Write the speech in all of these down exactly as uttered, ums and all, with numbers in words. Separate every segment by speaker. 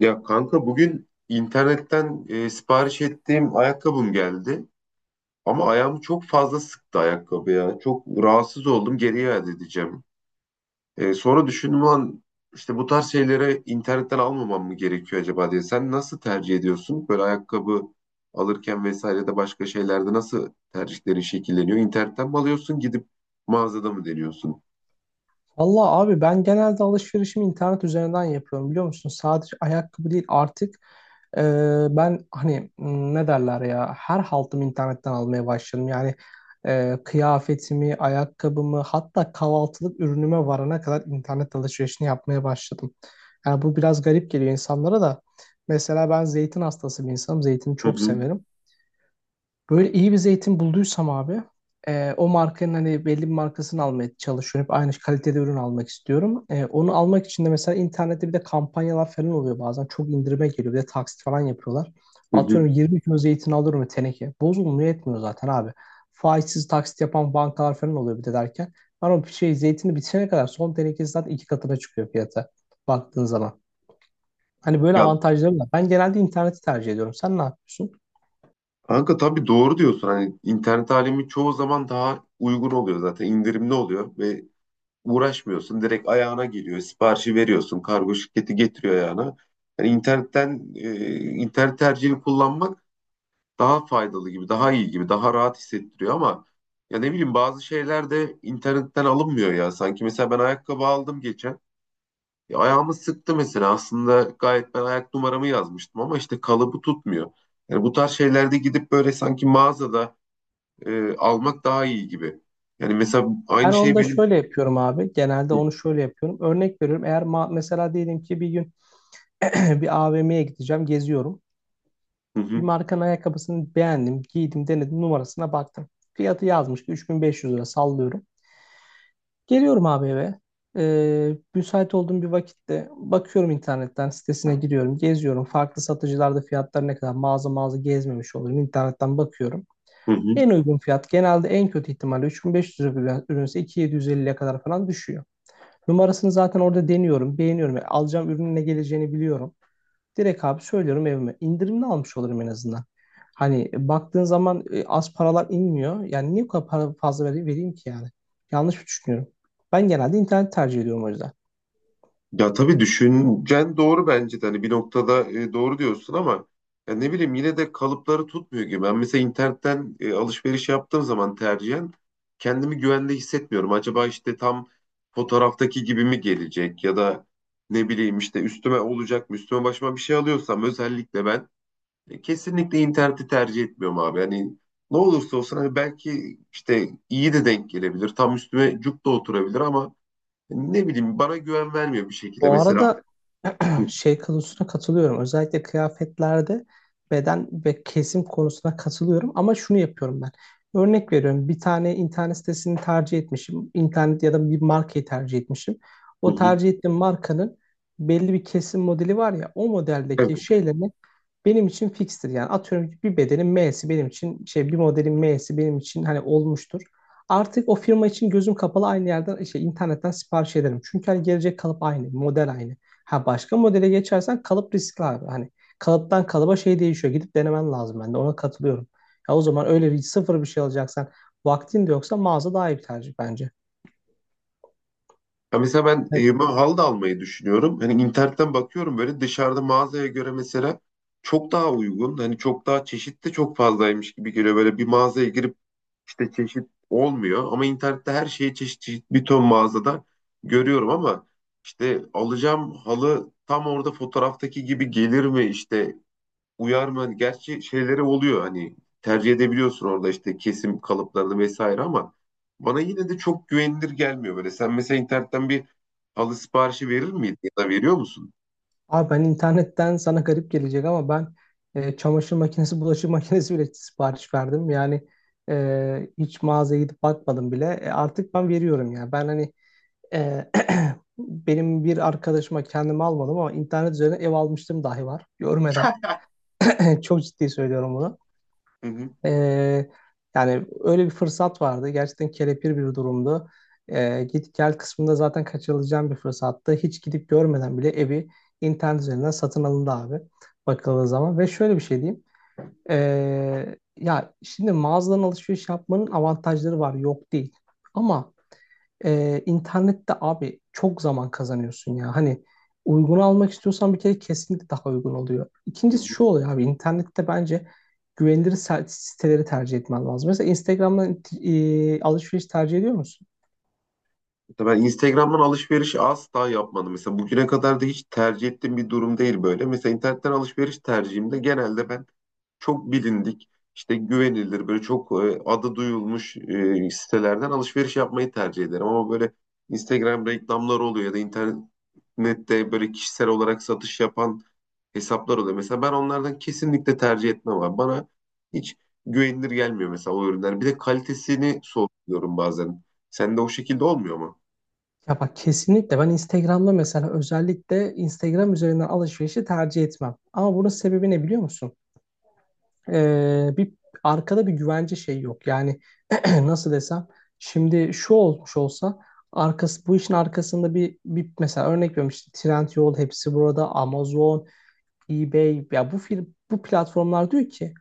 Speaker 1: Ya kanka bugün internetten e, sipariş ettiğim ayakkabım geldi. Ama ayağımı çok fazla sıktı ayakkabı ya. Çok rahatsız oldum, geri iade edeceğim. E, sonra düşündüm lan, işte bu tarz şeyleri internetten almamam mı gerekiyor acaba diye. Sen nasıl tercih ediyorsun? Böyle ayakkabı alırken vesaire de başka şeylerde nasıl tercihlerin şekilleniyor? İnternetten mi alıyorsun, gidip mağazada mı deniyorsun?
Speaker 2: Valla abi ben genelde alışverişimi internet üzerinden yapıyorum biliyor musun? Sadece ayakkabı değil artık e, ben hani m, ne derler ya her haltımı internetten almaya başladım. Yani e, kıyafetimi, ayakkabımı hatta kahvaltılık ürünüme varana kadar internet alışverişini yapmaya başladım. Yani bu biraz garip geliyor insanlara da. Mesela ben zeytin hastası bir insanım. Zeytini
Speaker 1: Hı
Speaker 2: çok
Speaker 1: hı,
Speaker 2: severim. Böyle iyi bir zeytin bulduysam abi e, o markanın hani belli bir markasını almaya çalışıyorum. Hep aynı kalitede ürün almak istiyorum. E, onu almak için de mesela internette bir de kampanyalar falan oluyor bazen. Çok indirime geliyor. Bir de taksit falan yapıyorlar.
Speaker 1: hı hı.
Speaker 2: Atıyorum yirmi kilo zeytin alıyorum teneke. Bozulmuyor etmiyor zaten abi. Faizsiz taksit yapan bankalar falan oluyor bir de derken. Ben o şey zeytini bitene kadar son tenekesi zaten iki katına çıkıyor fiyata baktığın zaman. Hani böyle
Speaker 1: Ya
Speaker 2: avantajları var. Ben genelde interneti tercih ediyorum. Sen ne yapıyorsun?
Speaker 1: kanka, tabii doğru diyorsun. Hani internet alemi çoğu zaman daha uygun oluyor, zaten indirimli oluyor ve uğraşmıyorsun. Direkt ayağına geliyor. Siparişi veriyorsun, kargo şirketi getiriyor ayağına. Yani internetten e, internet tercihini kullanmak daha faydalı gibi, daha iyi gibi, daha rahat hissettiriyor ama ya ne bileyim, bazı şeyler de internetten alınmıyor ya. Sanki mesela ben ayakkabı aldım geçen. Ya ayağımı sıktı mesela. Aslında gayet ben ayak numaramı yazmıştım ama işte kalıbı tutmuyor. Yani bu tarz şeylerde gidip böyle sanki mağazada e, almak daha iyi gibi. Yani mesela
Speaker 2: Ben
Speaker 1: aynı
Speaker 2: onu
Speaker 1: şey
Speaker 2: da
Speaker 1: benim.
Speaker 2: şöyle yapıyorum abi. Genelde
Speaker 1: Hı,
Speaker 2: onu şöyle yapıyorum. Örnek veriyorum. Eğer ma- mesela diyelim ki bir gün bir A V M'ye gideceğim, geziyorum.
Speaker 1: hı,
Speaker 2: Bir
Speaker 1: hı,
Speaker 2: markanın ayakkabısını beğendim, giydim, denedim, numarasına baktım. Fiyatı yazmış ki üç bin beş yüz lira sallıyorum. Geliyorum abi eve. Ee, müsait olduğum bir vakitte bakıyorum internetten sitesine giriyorum, geziyorum. Farklı satıcılarda fiyatlar ne kadar, mağaza mağaza gezmemiş olurum. İnternetten bakıyorum.
Speaker 1: hı, hı.
Speaker 2: En uygun fiyat genelde en kötü ihtimalle üç bin beş yüz lira bir ürünse iki bin yedi yüz elliye kadar falan düşüyor. Numarasını zaten orada deniyorum, beğeniyorum. Yani alacağım ürünün ne geleceğini biliyorum. Direkt abi söylüyorum evime. İndirimli almış olurum en azından. Hani baktığın zaman e, az paralar inmiyor. Yani niye bu kadar para fazla vereyim, vereyim ki yani? Yanlış mı düşünüyorum? Ben genelde internet tercih ediyorum o yüzden.
Speaker 1: Ya tabii düşüncen doğru bence de. Hani bir noktada e, doğru diyorsun ama ya ne bileyim, yine de kalıpları tutmuyor gibi. Ben mesela internetten e, alışveriş yaptığım zaman tercihen kendimi güvende hissetmiyorum. Acaba işte tam fotoğraftaki gibi mi gelecek ya da ne bileyim, işte üstüme olacak mı? Üstüme başıma bir şey alıyorsam özellikle ben, E, kesinlikle interneti tercih etmiyorum abi. Yani ne olursa olsun, hani belki işte iyi de denk gelebilir. Tam üstüme cuk da oturabilir ama ne bileyim, bana güven vermiyor bir şekilde.
Speaker 2: Bu
Speaker 1: Mesela
Speaker 2: arada
Speaker 1: hı
Speaker 2: şey konusuna katılıyorum. Özellikle kıyafetlerde beden ve kesim konusuna katılıyorum ama şunu yapıyorum ben. Örnek veriyorum. Bir tane internet sitesini tercih etmişim. İnternet ya da bir markayı tercih etmişim. O
Speaker 1: hı.
Speaker 2: tercih ettiğim markanın belli bir kesim modeli var ya, o
Speaker 1: Evet.
Speaker 2: modeldeki şeyle benim için fixtir. Yani atıyorum ki bir bedenin M'si benim için, şey, bir modelin M'si benim için hani olmuştur. Artık o firma için gözüm kapalı aynı yerden şey internetten sipariş ederim. Çünkü hani gelecek kalıp aynı, model aynı. Ha, başka modele geçersen kalıp riskli abi. Hani kalıptan kalıba şey değişiyor. Gidip denemen lazım, ben de ona katılıyorum. Ya o zaman öyle bir sıfır bir şey alacaksan vaktin de yoksa mağaza daha iyi bir tercih bence.
Speaker 1: Ya mesela ben
Speaker 2: Evet.
Speaker 1: evime halı da almayı düşünüyorum. Hani internetten bakıyorum, böyle dışarıda mağazaya göre mesela çok daha uygun. Hani çok daha çeşit de çok fazlaymış gibi geliyor. Böyle bir mağazaya girip işte çeşit olmuyor ama internette her şeyi çeşit çeşit bir ton mağazada görüyorum ama işte alacağım halı tam orada fotoğraftaki gibi gelir mi, işte uyar mı? Hani gerçi şeyleri oluyor, hani tercih edebiliyorsun orada işte kesim kalıplarını vesaire ama bana yine de çok güvenilir gelmiyor böyle. Sen mesela internetten bir halı siparişi verir miydin ya da veriyor musun?
Speaker 2: Abi ben internetten, sana garip gelecek ama, ben e, çamaşır makinesi, bulaşık makinesi bile sipariş verdim. Yani e, hiç mağazaya gidip bakmadım bile. E, artık ben veriyorum ya. Ben hani e, benim bir arkadaşıma kendimi almadım ama internet üzerine ev almıştım dahi var. Görmeden. Çok ciddi söylüyorum bunu.
Speaker 1: Hı
Speaker 2: Ee, yani öyle bir fırsat vardı. Gerçekten kelepir bir durumdu. Ee, git gel kısmında zaten kaçırılacağım bir fırsattı. Hiç gidip görmeden bile evi internet üzerinden satın alındı abi. Bakıldığı zaman. Ve şöyle bir şey diyeyim. Ee, ya şimdi mağazadan alışveriş yapmanın avantajları var. Yok değil. Ama ee, internette abi çok zaman kazanıyorsun ya. Hani uygun almak istiyorsan bir kere kesinlikle daha uygun oluyor.
Speaker 1: hı.
Speaker 2: İkincisi şu oluyor abi, internette bence güvenilir se- siteleri tercih etmen lazım. Mesela Instagram'dan e, alışveriş tercih ediyor musun?
Speaker 1: Mesela ben Instagram'dan alışveriş asla yapmadım. Mesela bugüne kadar da hiç tercih ettiğim bir durum değil böyle. Mesela internetten alışveriş tercihimde genelde ben çok bilindik, işte güvenilir, böyle çok e, adı duyulmuş e, sitelerden alışveriş yapmayı tercih ederim. Ama böyle Instagram reklamları oluyor ya da internette böyle kişisel olarak satış yapan hesaplar oluyor. Mesela ben onlardan kesinlikle tercih etmem abi. Bana hiç güvenilir gelmiyor mesela o ürünler. Bir de kalitesini sorguluyorum bazen. Sende o şekilde olmuyor mu?
Speaker 2: Ya bak, kesinlikle ben Instagram'da, mesela özellikle Instagram üzerinden, alışverişi tercih etmem. Ama bunun sebebi ne biliyor musun? Ee, bir arkada bir güvence şey yok. Yani nasıl desem, şimdi şu olmuş olsa arkası, bu işin arkasında bir, bir mesela, örnek veriyorum işte Trendyol, hepsi burada, Amazon, eBay ya, bu fir- bu platformlar diyor ki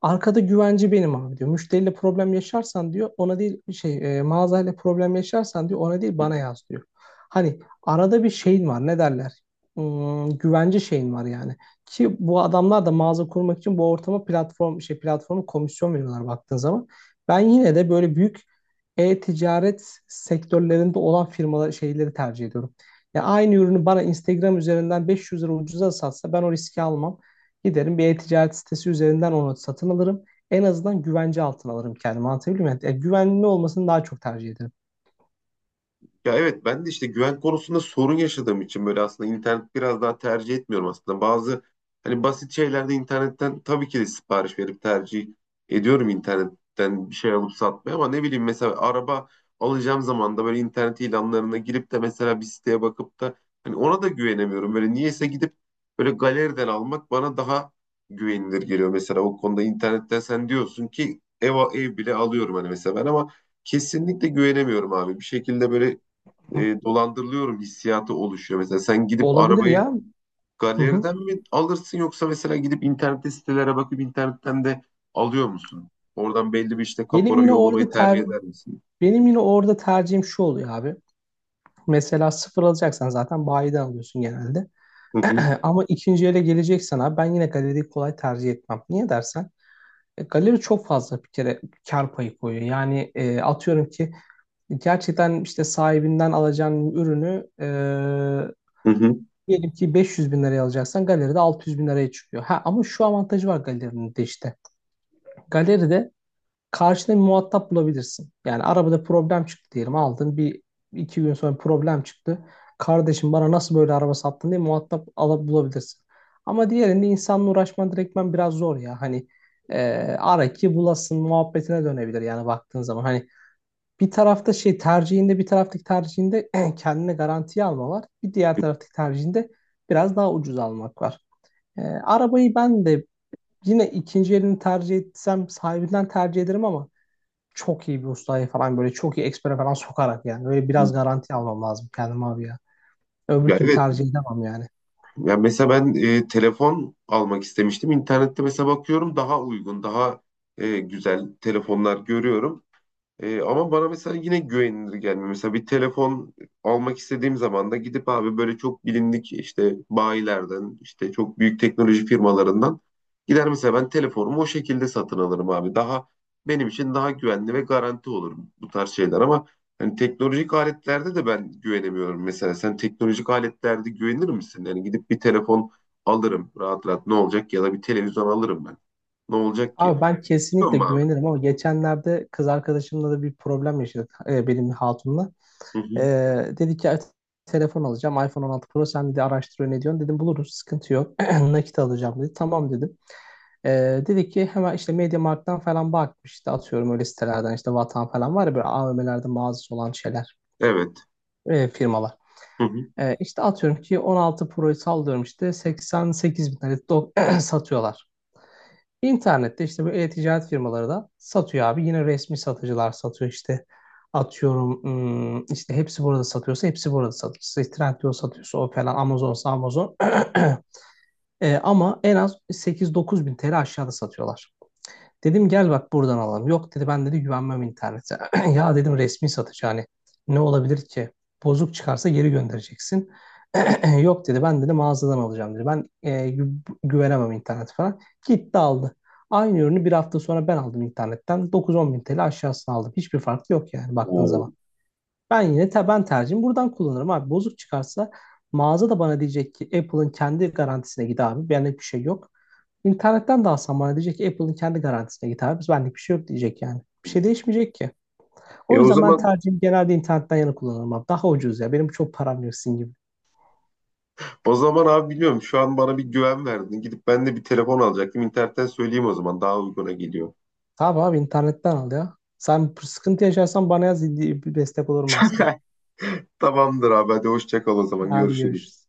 Speaker 2: arkada güvenci benim abi diyor. Müşteriyle problem yaşarsan diyor, ona değil şey e, mağazayla problem yaşarsan diyor, ona değil
Speaker 1: Hı hı.
Speaker 2: bana yaz diyor. Hani arada bir şeyin var, ne derler? Hmm, güvenci şeyin var yani. Ki bu adamlar da mağaza kurmak için bu ortama, platform şey platformu komisyon veriyorlar baktığın zaman. Ben yine de böyle büyük e-ticaret sektörlerinde olan firmalar, şeyleri tercih ediyorum. Ya aynı ürünü bana Instagram üzerinden beş yüz lira ucuza satsa ben o riski almam. Giderim bir e-ticaret sitesi üzerinden onu satın alırım. En azından güvence altına alırım kendimi. Anlatabiliyor muyum? Yani e, güvenli olmasını daha çok tercih ederim.
Speaker 1: Ya evet, ben de işte güven konusunda sorun yaşadığım için böyle aslında internet biraz daha tercih etmiyorum aslında. Bazı hani basit şeylerde internetten tabii ki de sipariş verip tercih ediyorum, internetten bir şey alıp satmayı, ama ne bileyim mesela araba alacağım zaman da böyle internet ilanlarına girip de mesela bir siteye bakıp da hani ona da güvenemiyorum. Böyle niyeyse gidip böyle galeriden almak bana daha güvenilir geliyor. Mesela o konuda internetten sen diyorsun ki ev, ev bile alıyorum hani mesela, ben ama kesinlikle güvenemiyorum abi. Bir şekilde böyle e, dolandırılıyorum hissiyatı oluşuyor. Mesela sen gidip
Speaker 2: Olabilir
Speaker 1: arabayı
Speaker 2: ya. Hı hı.
Speaker 1: galeriden mi alırsın yoksa mesela gidip internette sitelere bakıp internetten de alıyor musun? Oradan belli bir işte
Speaker 2: Benim
Speaker 1: kapora
Speaker 2: yine
Speaker 1: yollamayı
Speaker 2: orada
Speaker 1: tercih
Speaker 2: ter
Speaker 1: eder misin?
Speaker 2: benim yine orada tercihim şu oluyor abi. Mesela sıfır alacaksan zaten bayiden alıyorsun genelde.
Speaker 1: Hı hı,
Speaker 2: Ama ikinci ele geleceksen abi, ben yine galeriyi kolay tercih etmem. Niye dersen e, galeri çok fazla bir kere kar payı koyuyor. Yani e, atıyorum ki, gerçekten işte sahibinden alacağın ürünü e,
Speaker 1: hı hı.
Speaker 2: diyelim ki beş yüz bin liraya alacaksan, galeride altı yüz bin liraya çıkıyor. Ha, ama şu avantajı var galerinin de işte. Galeride karşında bir muhatap bulabilirsin. Yani arabada problem çıktı diyelim, aldın bir iki gün sonra problem çıktı. Kardeşim bana nasıl böyle araba sattın diye muhatap alıp bulabilirsin. Ama diğerinde insanla uğraşman direktmen biraz zor ya. Hani e, ara ki bulasın muhabbetine dönebilir yani baktığın zaman. Hani bir tarafta, şey tercihinde, bir taraftaki tercihinde kendine garantiye alma var. Bir diğer taraftaki tercihinde biraz daha ucuz almak var. Ee, arabayı ben de yine ikinci elini tercih etsem sahibinden tercih ederim ama çok iyi bir ustaya falan, böyle çok iyi ekspere falan sokarak yani. Böyle biraz garanti almam lazım kendime abi ya. Öbür
Speaker 1: Ya
Speaker 2: türlü
Speaker 1: evet.
Speaker 2: tercih edemem yani.
Speaker 1: Ya mesela ben e, telefon almak istemiştim. İnternette mesela bakıyorum daha uygun, daha e, güzel telefonlar görüyorum. Ee, ama bana mesela yine güvenilir gelmiyor. Mesela bir telefon almak istediğim zaman da gidip abi böyle çok bilindik işte bayilerden, işte çok büyük teknoloji firmalarından gider mesela, ben telefonumu o şekilde satın alırım abi. Daha benim için daha güvenli ve garanti olur bu tarz şeyler ama hani teknolojik aletlerde de ben güvenemiyorum. Mesela sen teknolojik aletlerde güvenir misin? Yani gidip bir telefon alırım rahat rahat, ne olacak ya da bir televizyon alırım ben. Ne olacak ki?
Speaker 2: Abi ben
Speaker 1: Biliyor
Speaker 2: kesinlikle
Speaker 1: musun abi?
Speaker 2: güvenirim ama geçenlerde kız arkadaşımla da bir problem yaşadık e, benim hatunla.
Speaker 1: Hı
Speaker 2: E,
Speaker 1: hı.
Speaker 2: dedi ki telefon alacağım, iPhone on altı Pro, sen de araştır, ne diyorsun? Dedim buluruz, sıkıntı yok. Nakit alacağım dedi. Tamam dedim. Ee, dedi ki hemen işte MediaMarkt'tan falan bakmış, işte atıyorum öyle sitelerden, işte Vatan falan var ya, böyle A V M'lerde mağazası olan şeyler
Speaker 1: Evet.
Speaker 2: e, firmalar.
Speaker 1: Hı hı.
Speaker 2: Ee, işte atıyorum ki on altı Pro'yu sallıyorum işte seksen sekiz bin tane do- satıyorlar. İnternette işte bu e-ticaret firmaları da satıyor abi. Yine resmi satıcılar satıyor işte. Atıyorum hmm, işte hepsi burada satıyorsa hepsi burada satıyor. İşte Trendyol satıyorsa o falan, Amazon'sa Amazon. Ee, ama en az sekiz dokuz bin t l aşağıda satıyorlar. Dedim gel bak buradan alalım. Yok dedi, ben dedi güvenmem internete. Ya dedim resmi satıcı, hani ne olabilir ki? Bozuk çıkarsa geri göndereceksin. Yok dedi, ben dedi mağazadan alacağım dedi. Ben e, gü- güvenemem internet falan. Gitti aldı. Aynı ürünü bir hafta sonra ben aldım internetten. dokuz on bin T L aşağısına aldım. Hiçbir fark yok yani baktığın
Speaker 1: Oo.
Speaker 2: zaman. Ben yine te ben tercihim buradan kullanırım abi. Bozuk çıkarsa mağaza da bana diyecek ki Apple'ın kendi garantisine git abi. Benlik bir şey yok. İnternetten de alsam bana diyecek ki Apple'ın kendi garantisine git abi. Biz benlik bir şey yok diyecek yani. Bir şey değişmeyecek ki.
Speaker 1: E
Speaker 2: O
Speaker 1: o
Speaker 2: yüzden ben
Speaker 1: zaman
Speaker 2: tercihim genelde internetten yana kullanırım abi. Daha ucuz ya. Benim çok param yok sizin gibi.
Speaker 1: o zaman abi, biliyorum şu an bana bir güven verdin. Gidip ben de bir telefon alacaktım. İnternetten söyleyeyim o zaman, daha uyguna geliyor.
Speaker 2: Tamam abi internetten al ya. Sen sıkıntı yaşarsan bana yaz. Bir destek olurum ben sana.
Speaker 1: Tamamdır abi, hadi hoşça kal, o zaman
Speaker 2: Hadi
Speaker 1: görüşürüz.
Speaker 2: görüşürüz.